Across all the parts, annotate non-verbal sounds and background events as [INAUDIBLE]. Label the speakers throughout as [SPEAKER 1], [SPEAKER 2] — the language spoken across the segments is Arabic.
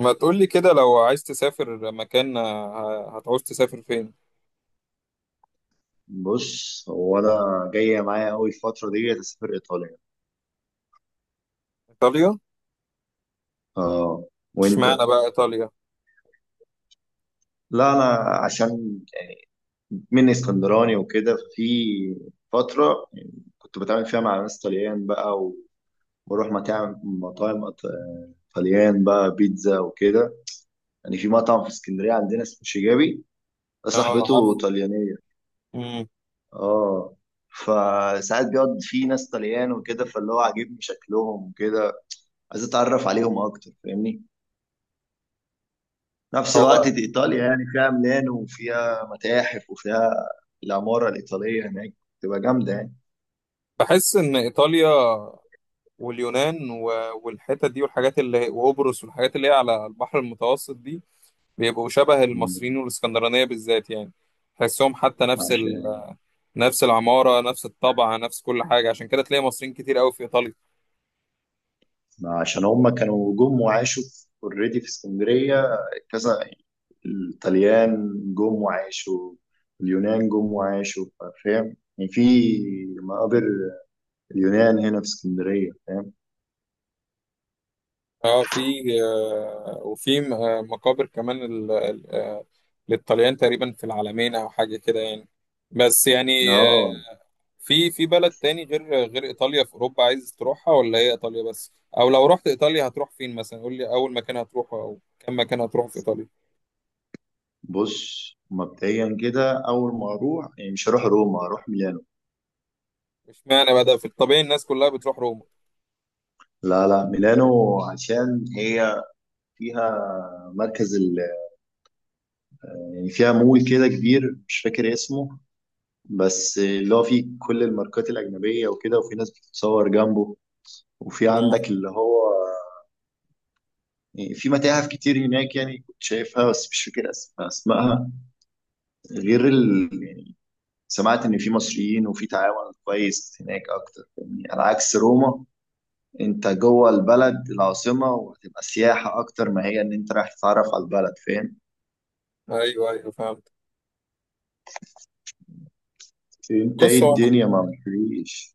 [SPEAKER 1] ما تقولي كده، لو عايز تسافر مكان، هتعوز تسافر فين؟
[SPEAKER 2] بص، هو انا جايه معايا قوي الفتره دي اسافر ايطاليا.
[SPEAKER 1] ايطاليا؟
[SPEAKER 2] اه. وانت؟
[SPEAKER 1] اشمعنى بقى ايطاليا؟
[SPEAKER 2] لا، انا عشان يعني من اسكندراني وكده ففي فتره يعني كنت بتعامل فيها مع ناس طليان بقى واروح مطاعم طليان بقى، بيتزا وكده. يعني في مطعم في اسكندريه عندنا اسمه شيجابي، ده
[SPEAKER 1] اه،
[SPEAKER 2] صاحبته
[SPEAKER 1] عارف.
[SPEAKER 2] طليانيه.
[SPEAKER 1] مم.
[SPEAKER 2] اه، فساعات بيقعد فيه ناس طليان وكده، فاللي هو عاجبني شكلهم وكده، عايز اتعرف عليهم اكتر. فاهمني؟ نفس
[SPEAKER 1] هو
[SPEAKER 2] الوقت دي إيطاليا يعني فيها ميلانو وفيها متاحف وفيها العمارة الإيطالية هناك تبقى جامدة يعني.
[SPEAKER 1] بحس ان ايطاليا واليونان والحتت دي والحاجات اللي وقبرص والحاجات اللي هي على البحر المتوسط دي، بيبقوا شبه
[SPEAKER 2] مم.
[SPEAKER 1] المصريين والاسكندرانية بالذات يعني. تحسهم حتى نفس
[SPEAKER 2] عشان
[SPEAKER 1] نفس العمارة، نفس الطبع، نفس كل حاجة. عشان كده تلاقي مصريين كتير قوي في ايطاليا.
[SPEAKER 2] عشان هم كانوا جم وعاشوا اوريدي، في already في اسكندرية، كذا. الطليان جم وعاشوا، اليونان جم وعاشوا. فاهم؟ يعني في مقابر اليونان هنا في اسكندرية. فاهم؟
[SPEAKER 1] اه، في وفي مقابر كمان للطليان تقريبا في العالمين او حاجه كده يعني. بس يعني
[SPEAKER 2] اه.
[SPEAKER 1] آه، في بلد تاني غير ايطاليا في اوروبا، عايز تروحها ولا هي ايطاليا بس؟ او لو رحت ايطاليا هتروح فين مثلا؟ قول لي اول مكان هتروحه او كم مكان هتروحه في ايطاليا.
[SPEAKER 2] بص، مبدئيا كده أول ما أروح يعني مش هروح روما، هروح ميلانو.
[SPEAKER 1] اشمعنى بقى ده؟ في الطبيعي الناس كلها بتروح روما.
[SPEAKER 2] لا، لا، ميلانو عشان هي فيها مركز ال... يعني فيها مول كده كبير، مش فاكر اسمه، بس اللي هو فيه كل الماركات الأجنبية وكده، وفي ناس بتتصور جنبه. وفي
[SPEAKER 1] اه،
[SPEAKER 2] عندك اللي هو يعني في متاحف كتير هناك يعني كنت شايفها بس مش فاكر أسمائها. غير ال... يعني سمعت إن في مصريين وفي تعاون كويس هناك أكتر يعني، على عكس روما. أنت جوه البلد العاصمة وهتبقى سياحة أكتر ما هي إن أنت رايح تتعرف على البلد. فاهم؟
[SPEAKER 1] ايوه ايوه فهمت.
[SPEAKER 2] أنت إيه
[SPEAKER 1] بص هو انا
[SPEAKER 2] الدنيا ما مفيش.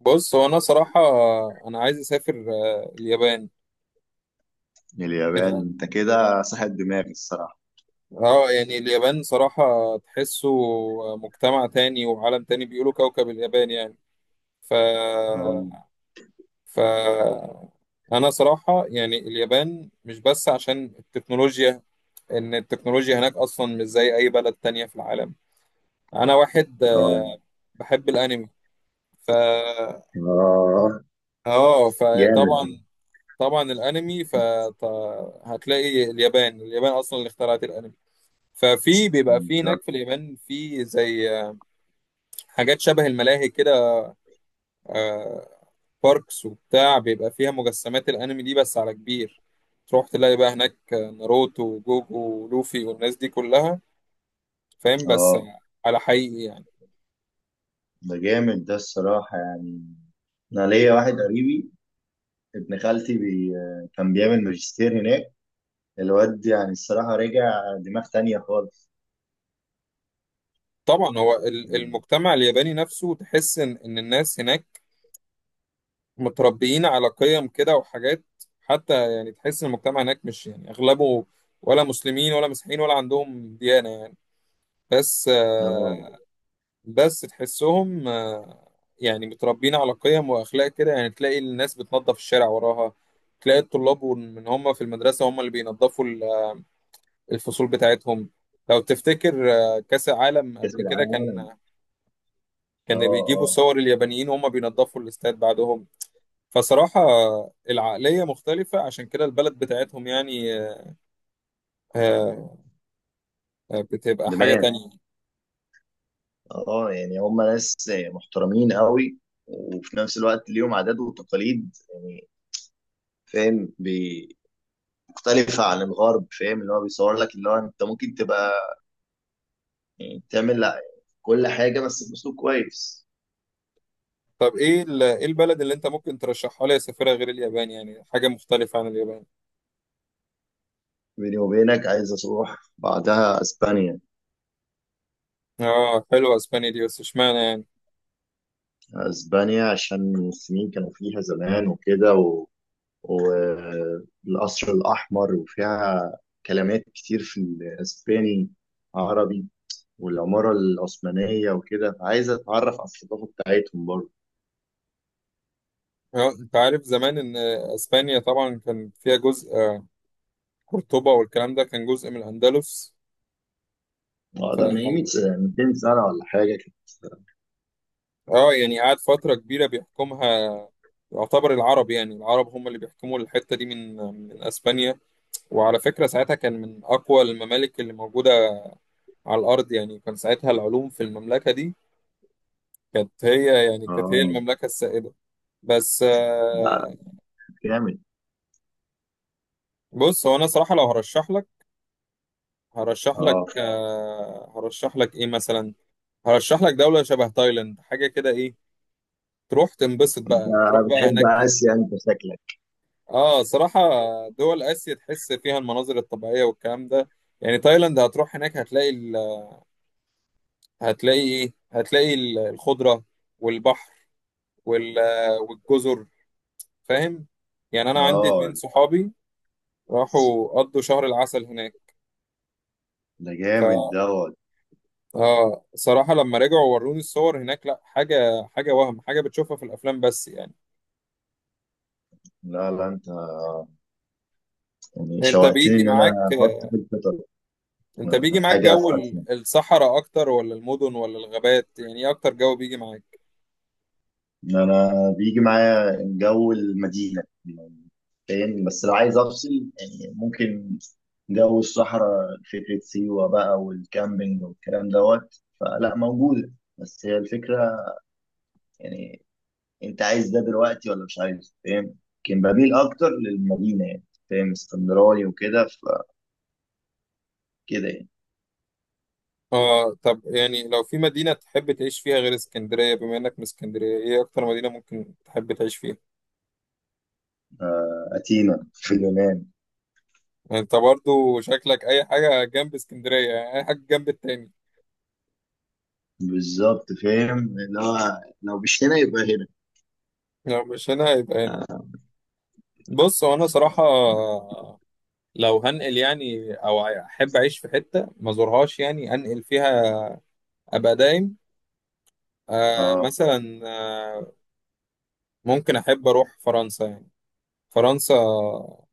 [SPEAKER 1] بص هو انا صراحه، انا عايز اسافر اليابان.
[SPEAKER 2] اليابان انت كده صاحب دماغ الصراحة.
[SPEAKER 1] اه، يعني اليابان صراحة، تحسه مجتمع تاني وعالم تاني، بيقولوا كوكب اليابان يعني. ف
[SPEAKER 2] اه.
[SPEAKER 1] ف انا صراحة، يعني اليابان مش بس عشان التكنولوجيا. ان التكنولوجيا هناك اصلا مش زي اي بلد تانية في العالم. انا واحد
[SPEAKER 2] اه.
[SPEAKER 1] بحب الانمي. ف
[SPEAKER 2] اه،
[SPEAKER 1] اه،
[SPEAKER 2] جامد.
[SPEAKER 1] فطبعا طبعا الانمي، فهتلاقي اليابان اصلا اللي اخترعت الانمي. ففي بيبقى في هناك
[SPEAKER 2] بالظبط.
[SPEAKER 1] في اليابان في زي حاجات شبه الملاهي كده، آه، باركس وبتاع، بيبقى فيها مجسمات الانمي دي بس على كبير. تروح تلاقي بقى هناك ناروتو وجوجو ولوفي والناس دي كلها، فاهم؟ بس
[SPEAKER 2] اه.
[SPEAKER 1] على حقيقي يعني.
[SPEAKER 2] ده جامد ده الصراحة يعني. انا ليا واحد قريبي، ابن خالتي كان بيعمل ماجستير هناك. الواد يعني الصراحة رجع دماغ تانية خالص.
[SPEAKER 1] طبعا، هو
[SPEAKER 2] يعني.
[SPEAKER 1] المجتمع الياباني نفسه، تحس ان الناس هناك متربيين على قيم كده وحاجات. حتى يعني تحس ان المجتمع هناك مش يعني اغلبه، ولا مسلمين ولا مسيحيين ولا عندهم ديانة يعني. بس
[SPEAKER 2] اه.
[SPEAKER 1] بس تحسهم يعني متربيين على قيم واخلاق كده. يعني تلاقي الناس بتنظف الشارع وراها، تلاقي الطلاب من هم في المدرسه هم اللي بينظفوا الفصول بتاعتهم. لو تفتكر كاس العالم
[SPEAKER 2] كأس
[SPEAKER 1] قبل كده،
[SPEAKER 2] العالم.
[SPEAKER 1] كان
[SPEAKER 2] اه.
[SPEAKER 1] كان بيجيبوا
[SPEAKER 2] اه.
[SPEAKER 1] صور اليابانيين وهم بينظفوا الاستاد بعدهم. فصراحه العقليه مختلفه، عشان كده البلد بتاعتهم يعني آه، بتبقى حاجه
[SPEAKER 2] دماغ.
[SPEAKER 1] تانية.
[SPEAKER 2] اه يعني هم ناس محترمين قوي، وفي نفس الوقت ليهم عادات وتقاليد يعني. فاهم؟ مختلفة عن الغرب. فاهم؟ اللي هو بيصور لك اللي هو انت ممكن تبقى بتعمل كل حاجة بس بأسلوب كويس.
[SPEAKER 1] طب ايه إيه البلد اللي انت ممكن ترشحها لي اسافرها غير اليابان؟ يعني حاجه مختلفه عن اليابان.
[SPEAKER 2] بيني وبينك عايز أروح بعدها أسبانيا.
[SPEAKER 1] اه، حلوة اسبانيا دي، بس اشمعنى يعني؟
[SPEAKER 2] أسبانيا عشان المسلمين كانوا فيها زمان وكده والقصر الأحمر وفيها كلمات كتير في الأسباني عربي، والعمارة العثمانية وكده، فعايز أتعرف على الثقافة بتاعتهم برضه.
[SPEAKER 1] انت عارف زمان ان اسبانيا طبعا كان فيها جزء، قرطبة والكلام ده، كان جزء من الاندلس. ف
[SPEAKER 2] ده من 200 سنة ولا حاجة كده.
[SPEAKER 1] اه، يعني قعد فترة كبيرة بيحكمها، يعتبر العرب. يعني العرب هم اللي بيحكموا الحتة دي من اسبانيا. وعلى فكرة ساعتها كان من اقوى الممالك اللي موجودة على الارض يعني. كان ساعتها العلوم في المملكة دي، كانت هي
[SPEAKER 2] آه.
[SPEAKER 1] المملكة السائدة. بس
[SPEAKER 2] لا. جامد.
[SPEAKER 1] بص هو انا صراحة، لو هرشح لك
[SPEAKER 2] اه.
[SPEAKER 1] ايه مثلا؟ هرشح لك دولة شبه تايلاند حاجة كده. ايه، تروح تنبسط بقى، تروح بقى
[SPEAKER 2] بتحب
[SPEAKER 1] هناك
[SPEAKER 2] آسيا أنت شكلك؟
[SPEAKER 1] اه، صراحة دول آسيا تحس فيها المناظر الطبيعية والكلام ده. يعني تايلاند هتروح هناك هتلاقي هتلاقي ايه، هتلاقي الخضرة والبحر وال... والجزر، فاهم؟ يعني انا عندي
[SPEAKER 2] اه.
[SPEAKER 1] اتنين صحابي راحوا قضوا شهر العسل هناك.
[SPEAKER 2] ده جامد دوت.
[SPEAKER 1] اه، صراحة لما رجعوا وروني الصور هناك، لا حاجة حاجة، وهم حاجة بتشوفها في الأفلام بس يعني.
[SPEAKER 2] لا، لا، انت يعني
[SPEAKER 1] انت
[SPEAKER 2] شوقتني
[SPEAKER 1] بيجي
[SPEAKER 2] ان
[SPEAKER 1] معاك
[SPEAKER 2] انا احط في الخطط.
[SPEAKER 1] انت بيجي معاك
[SPEAKER 2] حاجه في
[SPEAKER 1] جو
[SPEAKER 2] اسيا،
[SPEAKER 1] الصحراء اكتر، ولا المدن ولا الغابات؟ يعني ايه اكتر جو بيجي معاك؟
[SPEAKER 2] ان انا بيجي معايا جو المدينه. فاهم؟ بس لو عايز افصل يعني ممكن جو الصحراء، فكره سيوه بقى والكامبينج والكلام دوت فلا موجوده. بس هي الفكره يعني. انت عايز ده دلوقتي ولا مش عايز؟ فاهم؟ لكن بميل اكتر للمدينه يعني. فاهم؟ اسكندراني وكده، فكده يعني.
[SPEAKER 1] اه، طب يعني لو في مدينة تحب تعيش فيها غير اسكندرية، بما انك من اسكندرية، ايه اكتر مدينة ممكن تحب تعيش فيها؟
[SPEAKER 2] أثينا في اليونان.
[SPEAKER 1] يعني انت برضو شكلك اي حاجة جنب اسكندرية، يعني اي حاجة جنب التاني.
[SPEAKER 2] بالظبط. فاهم؟ اللي هو لو مش هنا يبقى هنا.
[SPEAKER 1] لو مش هنا يبقى هنا. بص هو انا صراحة، لو هنقل يعني، او احب اعيش في حته ما زورهاش يعني، انقل فيها ابقى دايم. آه
[SPEAKER 2] اه.
[SPEAKER 1] مثلا، آه ممكن احب اروح فرنسا يعني. فرنسا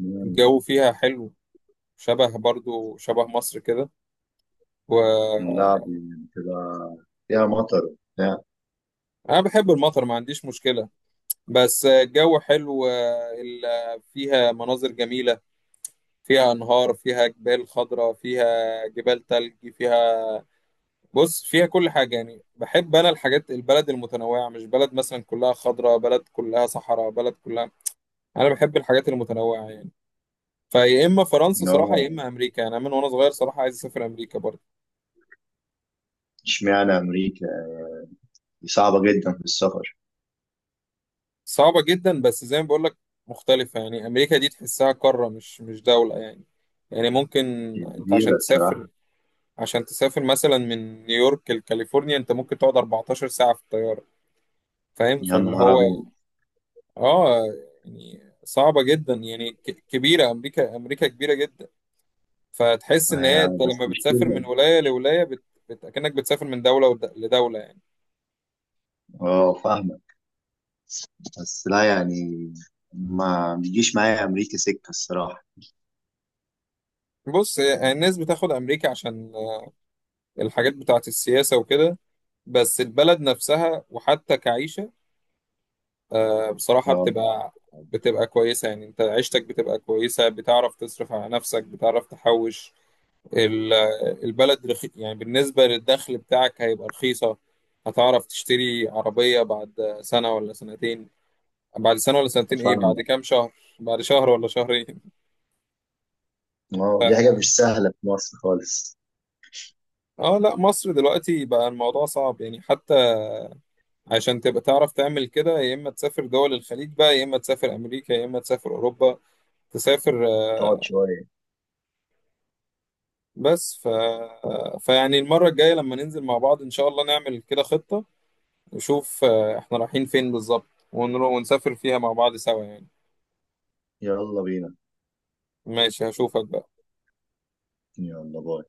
[SPEAKER 2] مم.
[SPEAKER 1] الجو فيها حلو، شبه برضو شبه مصر كده. و
[SPEAKER 2] اللعب بتبقى فيها مطر بتاع.
[SPEAKER 1] انا بحب المطر، ما عنديش مشكله. بس الجو حلو، فيها مناظر جميله، فيها انهار، فيها جبال خضراء، فيها جبال تلج فيها. بص فيها كل حاجة يعني. بحب أنا الحاجات البلد المتنوعة، مش بلد مثلا كلها خضراء، بلد كلها صحراء، بلد كلها. أنا بحب الحاجات المتنوعة يعني. فيا إما فرنسا
[SPEAKER 2] إن
[SPEAKER 1] صراحة
[SPEAKER 2] هو
[SPEAKER 1] يا إما أمريكا يعني. أنا من وأنا صغير صراحة عايز أسافر أمريكا برضه.
[SPEAKER 2] اشمعنى أمريكا؟ دي صعبة جدا في السفر.
[SPEAKER 1] صعبة جدا، بس زي ما بقول لك مختلفة يعني. أمريكا دي تحسها قارة، مش دولة يعني. يعني ممكن أنت
[SPEAKER 2] كبيرة
[SPEAKER 1] عشان تسافر
[SPEAKER 2] الصراحة.
[SPEAKER 1] عشان تسافر مثلا من نيويورك لكاليفورنيا، أنت ممكن تقعد 14 ساعة في الطيارة، فاهم؟
[SPEAKER 2] يا
[SPEAKER 1] فاللي
[SPEAKER 2] نهار
[SPEAKER 1] هو
[SPEAKER 2] أبيض.
[SPEAKER 1] اه، يعني صعبة جدا يعني، كبيرة أمريكا كبيرة جدا. فتحس إن هي
[SPEAKER 2] هي
[SPEAKER 1] أنت
[SPEAKER 2] بس
[SPEAKER 1] لما بتسافر
[SPEAKER 2] مشكلة.
[SPEAKER 1] من ولاية لولاية، كأنك بتسافر من دولة لدولة يعني.
[SPEAKER 2] اه. فاهمة. بس لا يعني ما بيجيش معايا أمريكا سكة الصراحة.
[SPEAKER 1] بص الناس بتاخد أمريكا عشان الحاجات بتاعة السياسة وكده. بس البلد نفسها، وحتى كعيشة، بصراحة،
[SPEAKER 2] اه.
[SPEAKER 1] بتبقى كويسة، يعني أنت عيشتك بتبقى كويسة، بتعرف تصرف على نفسك، بتعرف تحوش. ال- البلد يعني بالنسبة للدخل بتاعك هيبقى رخيصة. هتعرف تشتري عربية بعد سنة ولا سنتين، بعد سنة ولا سنتين، ايه، بعد
[SPEAKER 2] فاهمة.
[SPEAKER 1] كام شهر، بعد شهر ولا شهرين.
[SPEAKER 2] اه، دي حاجة مش سهلة في مصر خالص.
[SPEAKER 1] [LAUGHS] اه لا، مصر دلوقتي بقى الموضوع صعب يعني. حتى عشان تبقى تعرف تعمل كده، يا اما تسافر دول الخليج بقى، يا اما تسافر امريكا، يا اما تسافر اوروبا. تسافر
[SPEAKER 2] تقعد
[SPEAKER 1] آه،
[SPEAKER 2] شوية.
[SPEAKER 1] بس فيعني المرة الجاية لما ننزل مع بعض ان شاء الله نعمل كده خطة، نشوف احنا رايحين فين بالظبط، ونسافر فيها مع بعض سوا يعني.
[SPEAKER 2] يلا بينا.
[SPEAKER 1] ماشي، هشوفك بقى.
[SPEAKER 2] يلا باي.